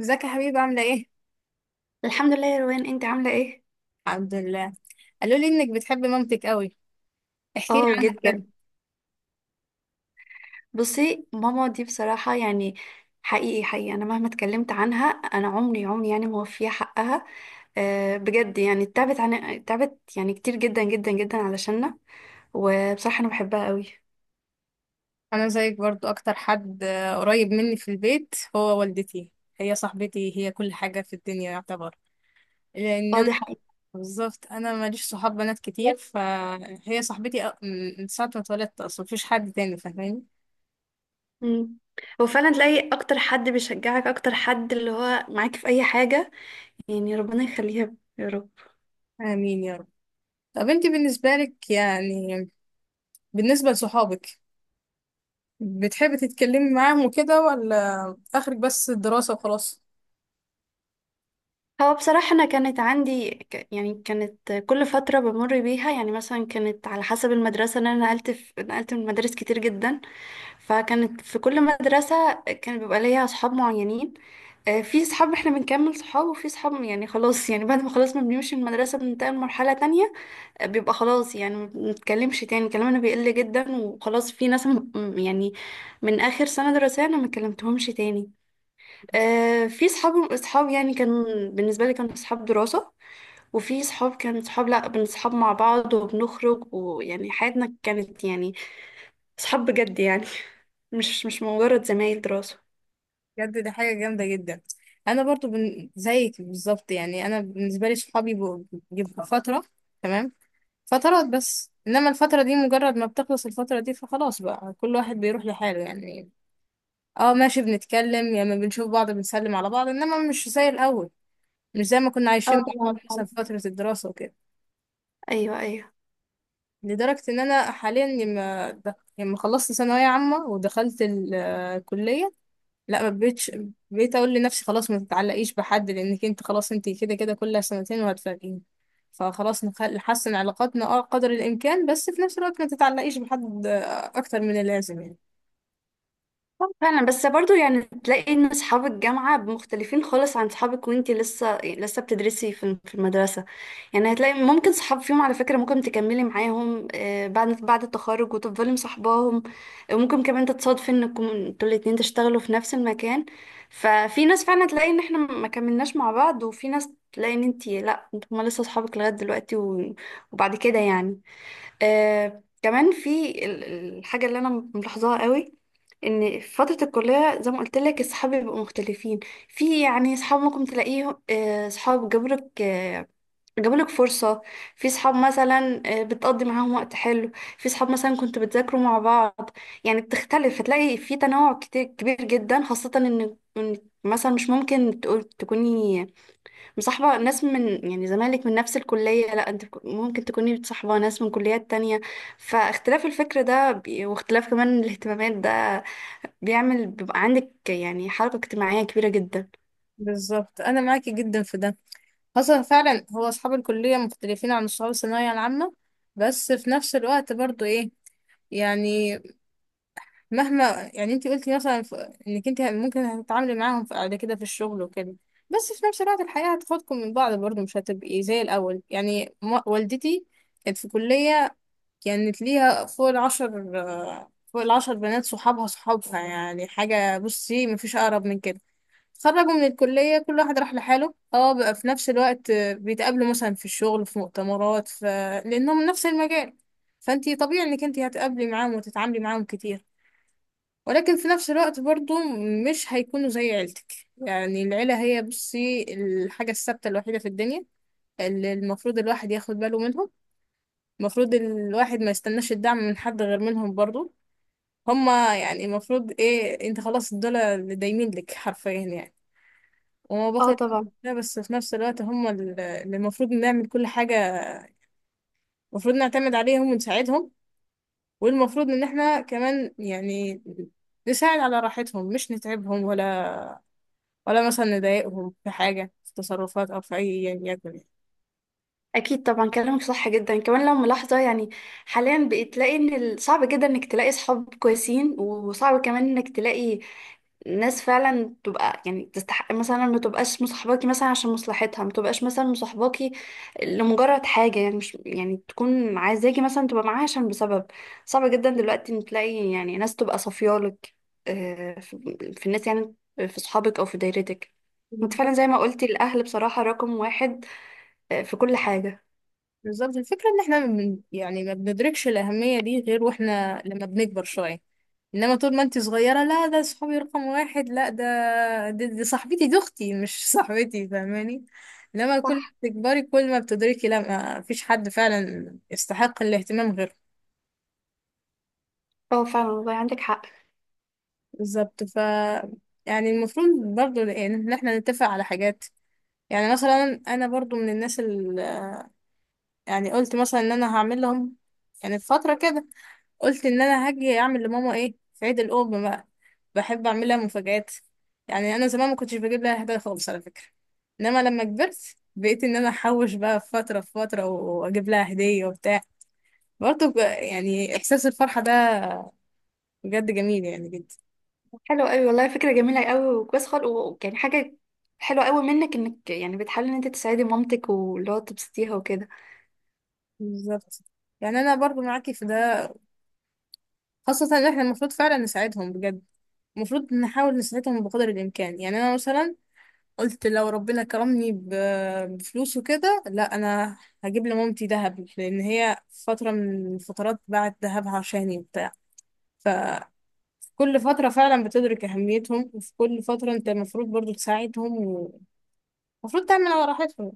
ازيك يا حبيبي؟ عاملة ايه؟ الحمد لله يا روان، انت عاملة ايه؟ الحمد لله. قالوا لي انك بتحب مامتك قوي، احكي لي اه، عنها كده. جدا. بصي، ماما دي بصراحة يعني حقيقي حقيقي انا مهما اتكلمت عنها انا عمري عمري يعني موفية حقها. أه، بجد يعني تعبت يعني كتير جدا جدا جدا علشاننا. وبصراحة انا بحبها قوي. انا زيك برضو، اكتر حد قريب مني في البيت هو والدتي. هي صاحبتي، هي كل حاجة في الدنيا يعتبر، لان اه، انا دي حقيقة. بالظبط، انا ماليش صحاب بنات كتير فهي صاحبتي من ساعة ما اتولدت اصلا مفيش حد تاني فاهماني. مم. هو فعلا تلاقي اكتر حد بيشجعك، اكتر حد اللي هو معاك في اي حاجة، يعني ربنا يخليها يا رب. امين يا رب. طب انت بالنسبة لك يعني، بالنسبة لصحابك، بتحبي تتكلمي معاهم وكده ولا اخرك بس الدراسة وخلاص؟ هو بصراحة أنا كانت عندي يعني كانت كل فترة بمر بيها، يعني مثلا كانت على حسب المدرسة، إن أنا نقلت، في نقلت من مدارس كتير جدا. فكانت في كل مدرسة كان بيبقى ليا أصحاب معينين. في صحاب احنا بنكمل صحاب، وفي صحاب يعني خلاص، يعني بعد ما خلاص ما بنمشي من المدرسة بننتقل لمرحلة تانية. بيبقى خلاص، يعني ما بنتكلمش تاني، كلامنا بيقل جدا وخلاص، في ناس يعني من آخر سنة دراسية أنا ما كلمتهمش تاني. في صحاب اصحاب يعني كان بالنسبه لي كانوا صحاب دراسه، وفي صحاب كانوا صحاب، لا بنصحاب مع بعض وبنخرج، ويعني حياتنا كانت يعني صحاب بجد يعني مش مجرد زمايل دراسه. بجد دي حاجة جامدة جدا. أنا برضو زيك بالظبط. يعني أنا بالنسبة لي صحابي بيبقوا فترة، تمام، فترات بس، إنما الفترة دي مجرد ما بتخلص الفترة دي فخلاص بقى كل واحد بيروح لحاله يعني. اه ماشي، بنتكلم يا يعني بنشوف بعض، بنسلم على بعض، إنما مش زي الأول، مش زي ما كنا اه عايشين مع بعض طبعا، فعلا. مثلا في فترة الدراسة وكده. ايوه، ايوه. لدرجة إن أنا حاليا لما خلصت ثانوية عامة ودخلت الكلية، لا ما بقتش، بقيت اقول لنفسي خلاص ما تتعلقيش بحد لانك انت خلاص، انت كده كده كل سنتين وهتفرقين. فخلاص نحسن علاقاتنا اه قدر الامكان، بس في نفس الوقت ما تتعلقيش بحد اكتر من اللازم يعني. آه فعلا، بس برضو يعني تلاقي ان اصحاب الجامعة مختلفين خالص عن صحابك، وانتي لسه لسه بتدرسي في المدرسة. يعني هتلاقي ممكن صحاب فيهم، على فكرة، ممكن تكملي معاهم آه، بعد التخرج وتفضلي مصاحباهم. وممكن كمان تتصادفي انكم انتوا الاتنين تشتغلوا في نفس المكان. ففي ناس فعلا تلاقي ان احنا ما كملناش مع بعض، وفي ناس تلاقي ان انتي، لا انتوا، هما لسه صحابك لغاية دلوقتي وبعد كده يعني. آه كمان في الحاجة اللي أنا ملاحظاها قوي، إن في فترة الكلية زي ما قلت لك أصحابي بيبقوا مختلفين. في يعني أصحاب ممكن تلاقيهم، آه، صحاب جابولك، آه، جابولك فرصة. في صحاب مثلا بتقضي معاهم وقت حلو. في صحاب مثلا كنتوا بتذاكروا مع بعض. يعني بتختلف، هتلاقي في تنوع كتير كبير جدا، خاصة إن مثلا مش ممكن تكوني مصاحبة ناس من يعني زمالك من نفس الكلية، لا، انت ممكن تكوني بتصاحبة ناس من كليات تانية. فاختلاف الفكر ده واختلاف كمان الاهتمامات ده بيبقى عندك يعني حركة اجتماعية كبيرة جدا. بالظبط انا معاكي جدا في ده، خاصة فعلا هو اصحاب الكلية مختلفين عن اصحاب الثانوية العامة، بس في نفس الوقت برضو ايه يعني، مهما يعني انت قلتي مثلا انك انت ممكن هتتعاملي معاهم بعد كده في الشغل وكده، بس في نفس الوقت الحياة هتاخدكم من بعض برضه، مش هتبقي زي الأول يعني والدتي كانت في كلية، كانت ليها فوق العشر بنات صحابها، صحابها يعني حاجة، بصي مفيش أقرب من كده. خرجوا من الكلية كل واحد راح لحاله، اه بقى في نفس الوقت بيتقابلوا مثلا في الشغل في مؤتمرات لأنهم نفس المجال، فانتي طبيعي انك انتي هتقابلي معاهم وتتعاملي معاهم كتير، ولكن في نفس الوقت برضو مش هيكونوا زي عيلتك يعني. العيلة هي بصي الحاجة الثابتة الوحيدة في الدنيا، اللي المفروض الواحد ياخد باله منهم. المفروض الواحد ما يستناش الدعم من حد غير منهم برضو. هما يعني المفروض ايه، انت خلاص دول اللي دايمين لك حرفيا يعني. وما اه باخد، طبعا. لا بس في نفس الوقت هما اللي اللي المفروض نعمل كل حاجة، المفروض نعتمد عليهم ونساعدهم، والمفروض ان احنا كمان يعني نساعد على راحتهم، مش نتعبهم ولا، ولا مثلا نضايقهم في حاجة في تصرفات أو في أي يعني يكن يعني. اكيد طبعا، كلامك صح جدا. كمان لو ملاحظه يعني حاليا بقيت تلاقي ان صعب جدا انك تلاقي صحاب كويسين، وصعب كمان انك تلاقي ناس فعلا تبقى يعني تستحق، مثلا ما تبقاش مصاحباكي مثلا عشان مصلحتها، ما تبقاش مثلا مصاحباكي لمجرد حاجه يعني، مش يعني تكون عايزاكي مثلا تبقى معاها عشان بسبب. صعب جدا دلوقتي ان تلاقي يعني ناس تبقى صافيالك. آه، في في الناس يعني، في صحابك او في دايرتك. انت بالظبط. فعلا زي ما قلتي، الاهل بصراحه رقم واحد، في كل حاجه. بالظبط. الفكرة إن إحنا من يعني ما بندركش الأهمية دي غير وإحنا لما بنكبر شوية، إنما طول ما أنت صغيرة لا ده صحابي رقم واحد، لا ده دي صاحبتي، دي أختي مش صاحبتي فاهماني. لما كل ما صح. تكبري كل ما بتدركي لا، ما فيش حد فعلا يستحق الاهتمام غيره. اه فعلا، والله عندك حق. بالظبط ف، يعني المفروض برضو إن إحنا نتفق على حاجات. يعني مثلا انا برضو من الناس، يعني قلت مثلا ان انا هعمل لهم يعني في فترة كده، قلت ان انا هاجي اعمل لماما ايه في عيد الام بقى. بحب اعمل لها مفاجآت. يعني انا زمان ما كنتش بجيب لها هدايا خالص على فكرة، انما لما كبرت بقيت ان انا احوش بقى في فترة و- واجيب لها هدية وبتاع، برضه يعني احساس الفرحة ده بجد جميل يعني جدا. حلو قوي والله، فكرة جميلة قوي وكويس خالص، يعني حاجة حلوة قوي منك انك يعني بتحاولي ان انت تساعدي مامتك، واللي هو تبسطيها وكده. بالظبط يعني انا برضو معاكي في ده، خاصة ان احنا المفروض فعلا نساعدهم بجد. المفروض نحاول نساعدهم بقدر الامكان. يعني انا مثلا قلت لو ربنا كرمني بفلوس وكده لا انا هجيب لمامتي دهب، لان هي فتره من الفترات باعت دهبها عشاني وبتاع. ففي كل فتره فعلا بتدرك اهميتهم، وفي كل فتره انت المفروض برضو تساعدهم، ومفروض تعمل على راحتهم.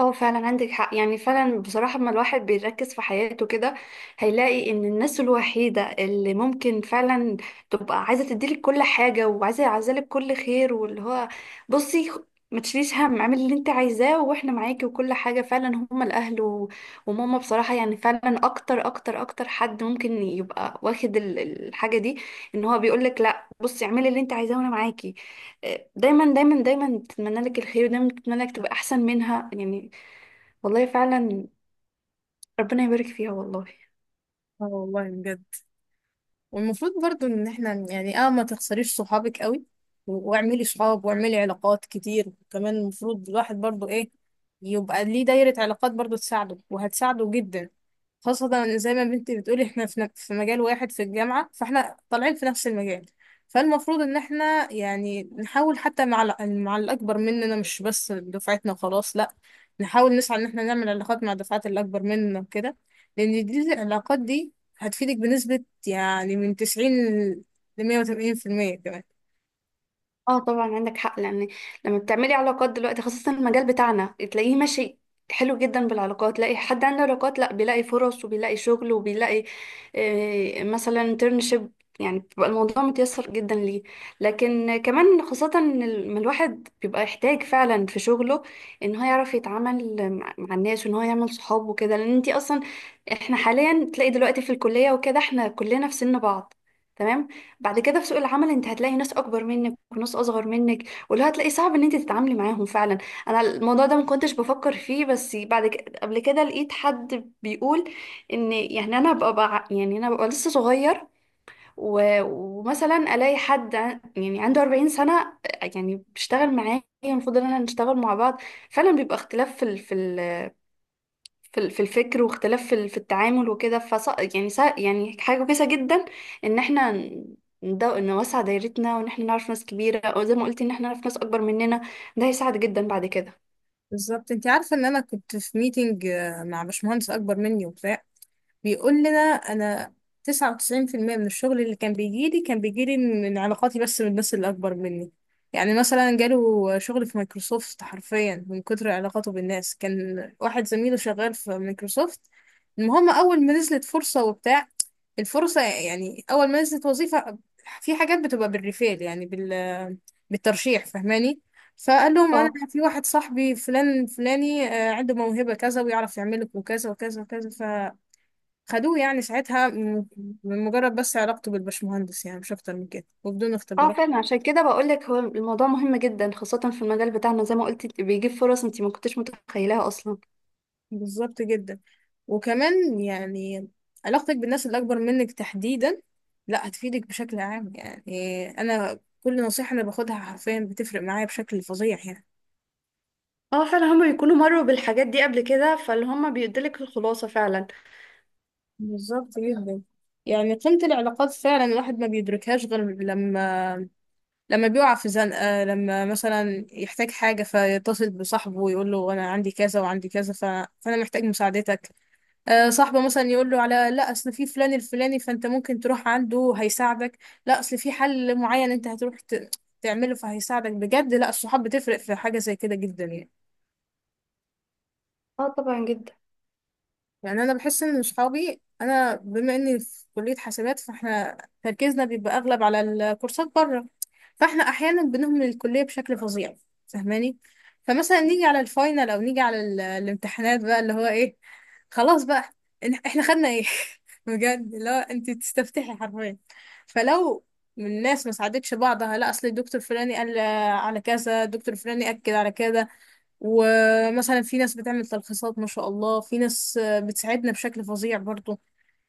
اه فعلا عندك حق، يعني فعلا بصراحة لما الواحد بيركز في حياته كده هيلاقي ان الناس الوحيدة اللي ممكن فعلا تبقى عايزة تديلك كل حاجة، وعايزة عايزالك كل خير، واللي هو بصي ما تشيليش هم، اعملي اللي انت عايزاه واحنا معاكي، وكل حاجة فعلا هما الاهل وماما بصراحة يعني، فعلا اكتر اكتر اكتر حد ممكن يبقى واخد الحاجة دي، ان هو بيقولك لا بصي اعملي اللي انت عايزاه وانا معاكي. دايما دايما دايما تتمنى لك الخير، ودايما تتمنى لك تبقى احسن منها يعني. والله فعلا ربنا يبارك فيها والله. اه والله بجد، والمفروض برضو ان احنا يعني اه ما تخسريش صحابك قوي، و- واعملي صحاب واعملي علاقات كتير. كمان المفروض الواحد برضو ايه، يبقى ليه دايرة علاقات برضو تساعده وهتساعده جدا، خاصة إن زي ما بنتي بتقولي احنا في في مجال واحد في الجامعة، فاحنا طالعين في نفس المجال، فالمفروض ان احنا يعني نحاول حتى مع مع الاكبر مننا، مش بس دفعتنا وخلاص لا، نحاول نسعى ان احنا نعمل علاقات مع الدفعات الاكبر مننا وكده، لان دي العلاقات دي هتفيدك بنسبة يعني من 90 ل 180% كمان. اه طبعا عندك حق، لان لما بتعملي علاقات دلوقتي خاصة المجال بتاعنا تلاقيه ماشي حلو جدا. بالعلاقات تلاقي حد عنده علاقات، لا بيلاقي فرص وبيلاقي شغل وبيلاقي مثلا انترنشيب، يعني بيبقى الموضوع متيسر جدا ليه. لكن كمان خاصة إن ما الواحد بيبقى يحتاج فعلا في شغله ان هو يعرف يتعامل مع الناس، وان هو يعمل صحاب وكده، لان انتي اصلا احنا حاليا تلاقي دلوقتي في الكلية وكده احنا كلنا في سن بعض. تمام. بعد كده في سوق العمل انت هتلاقي ناس اكبر منك وناس اصغر منك، واللي هتلاقي صعب ان انت تتعاملي معاهم فعلا. انا الموضوع ده ما كنتش بفكر فيه، بس بعد كده، قبل كده، لقيت حد بيقول ان يعني انا ببقى يعني انا ببقى لسه صغير، ومثلا الاقي حد يعني عنده 40 سنة يعني بيشتغل معايا، المفروض ان احنا نشتغل مع بعض. فعلا بيبقى اختلاف في الفكر، واختلاف في التعامل وكده، يعني يعني حاجة كويسة جدا ان احنا نوسع دايرتنا، وان احنا نعرف ناس كبيرة، او زي ما قلتي، ان احنا نعرف ناس اكبر مننا، ده هيساعد جدا بعد كده. بالظبط. انت عارفة ان انا كنت في ميتنج مع باشمهندس اكبر مني وبتاع، بيقول لنا انا 99% من الشغل اللي كان بيجيلي من علاقاتي، بس من الناس اللي اكبر مني. يعني مثلا جاله شغل في مايكروسوفت حرفيا من كتر علاقاته بالناس، كان واحد زميله شغال في مايكروسوفت. المهم اول ما نزلت فرصة وبتاع، الفرصة يعني اول ما نزلت وظيفة، في حاجات بتبقى بالريفيل يعني بالترشيح فاهماني، فقال لهم انا اه. في واحد صاحبي فلان فلاني عنده موهبة كذا ويعرف يعمل لكم كذا وكذا وكذا، خدوه يعني. ساعتها من مجرد بس علاقته بالبشمهندس يعني مش اكتر من كده وبدون اه اختبارات. فعلا عشان كده بقول لك، هو الموضوع مهم جدا خاصة في المجال بتاعنا زي ما قلتي، بيجيب فرص انت ما كنتش متخيلاها اصلا. بالظبط جدا. وكمان يعني علاقتك بالناس اللي اكبر منك تحديدا، لا هتفيدك بشكل عام. يعني انا كل نصيحة انا باخدها حرفيا بتفرق معايا بشكل فظيع يعني. اه فعلا، هما بيكونوا مروا بالحاجات دي قبل كده، فاللي هما بيديلك الخلاصة فعلا. بالظبط جدا. يعني قيمة العلاقات فعلا الواحد ما بيدركهاش غير لما، بيقع في زنقة، لما مثلا يحتاج حاجة فيتصل بصاحبه ويقول له أنا عندي كذا وعندي كذا فأنا محتاج مساعدتك. صاحبه مثلا يقول له على لا اصل في فلان الفلاني فانت ممكن تروح عنده هيساعدك، لا اصل في حل معين انت هتروح تعمله فهيساعدك بجد. لا الصحاب بتفرق في حاجه زي كده جدا يعني. اه طبعا جدا. يعني انا بحس ان صحابي، انا بما اني في كليه حسابات فاحنا تركيزنا بيبقى اغلب على الكورسات بره، فاحنا احيانا بنهمل الكليه بشكل فظيع فاهماني. فمثلا نيجي على الفاينل او نيجي على الامتحانات بقى اللي هو ايه، خلاص بقى احنا خدنا ايه بجد، اللي هو انت تستفتحي حرفيا. فلو من الناس ما ساعدتش بعضها، لا اصل الدكتور فلاني قال على كذا، الدكتور فلاني اكد على كذا، ومثلا في ناس بتعمل تلخيصات ما شاء الله، في ناس بتساعدنا بشكل فظيع برضو.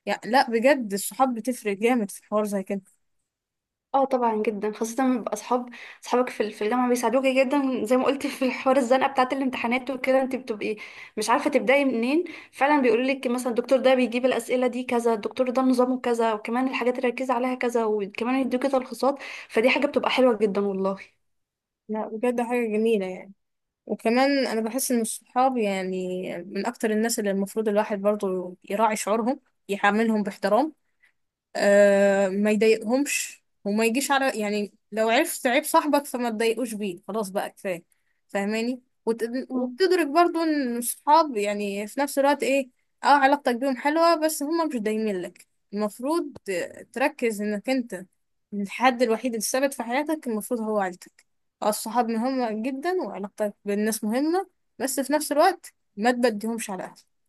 يعني لا بجد الصحاب بتفرق جامد في حوار زي كده. اه طبعا جدا، خاصة لما يبقى اصحاب، اصحابك في في الجامعة بيساعدوك جدا. زي ما قلت، في حوار الزنقة بتاعة الامتحانات وكده انت بتبقي مش عارفة تبدأي منين. فعلا بيقولوا لك مثلا الدكتور ده بيجيب الأسئلة دي كذا، الدكتور ده نظامه كذا، وكمان الحاجات اللي ركز عليها كذا، وكمان يدوكي تلخيصات، فدي حاجة بتبقى حلوة جدا والله. لا بجد حاجة جميلة يعني. وكمان انا بحس ان الصحاب يعني من اكتر الناس اللي المفروض الواحد برضو يراعي شعورهم، يعاملهم باحترام، آه ما يضايقهمش، وما يجيش على يعني، لو عرفت عيب صاحبك فما تضايقوش بيه، خلاص بقى كفايه فاهماني مم. وبتدرك برضو ان الصحاب يعني في نفس الوقت ايه، اه علاقتك بيهم حلوه بس هما مش دايمين لك، المفروض تركز انك انت الحد الوحيد الثابت في حياتك المفروض هو عيلتك. اه الصحاب مهمة جدا وعلاقتك بالناس مهمة، بس في نفس الوقت ما تبديهمش على أهلك.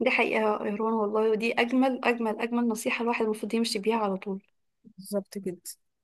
دي حقيقة يا روان، والله ودي أجمل أجمل أجمل نصيحة، الواحد المفروض يمشي بيها على طول. بالظبط كده.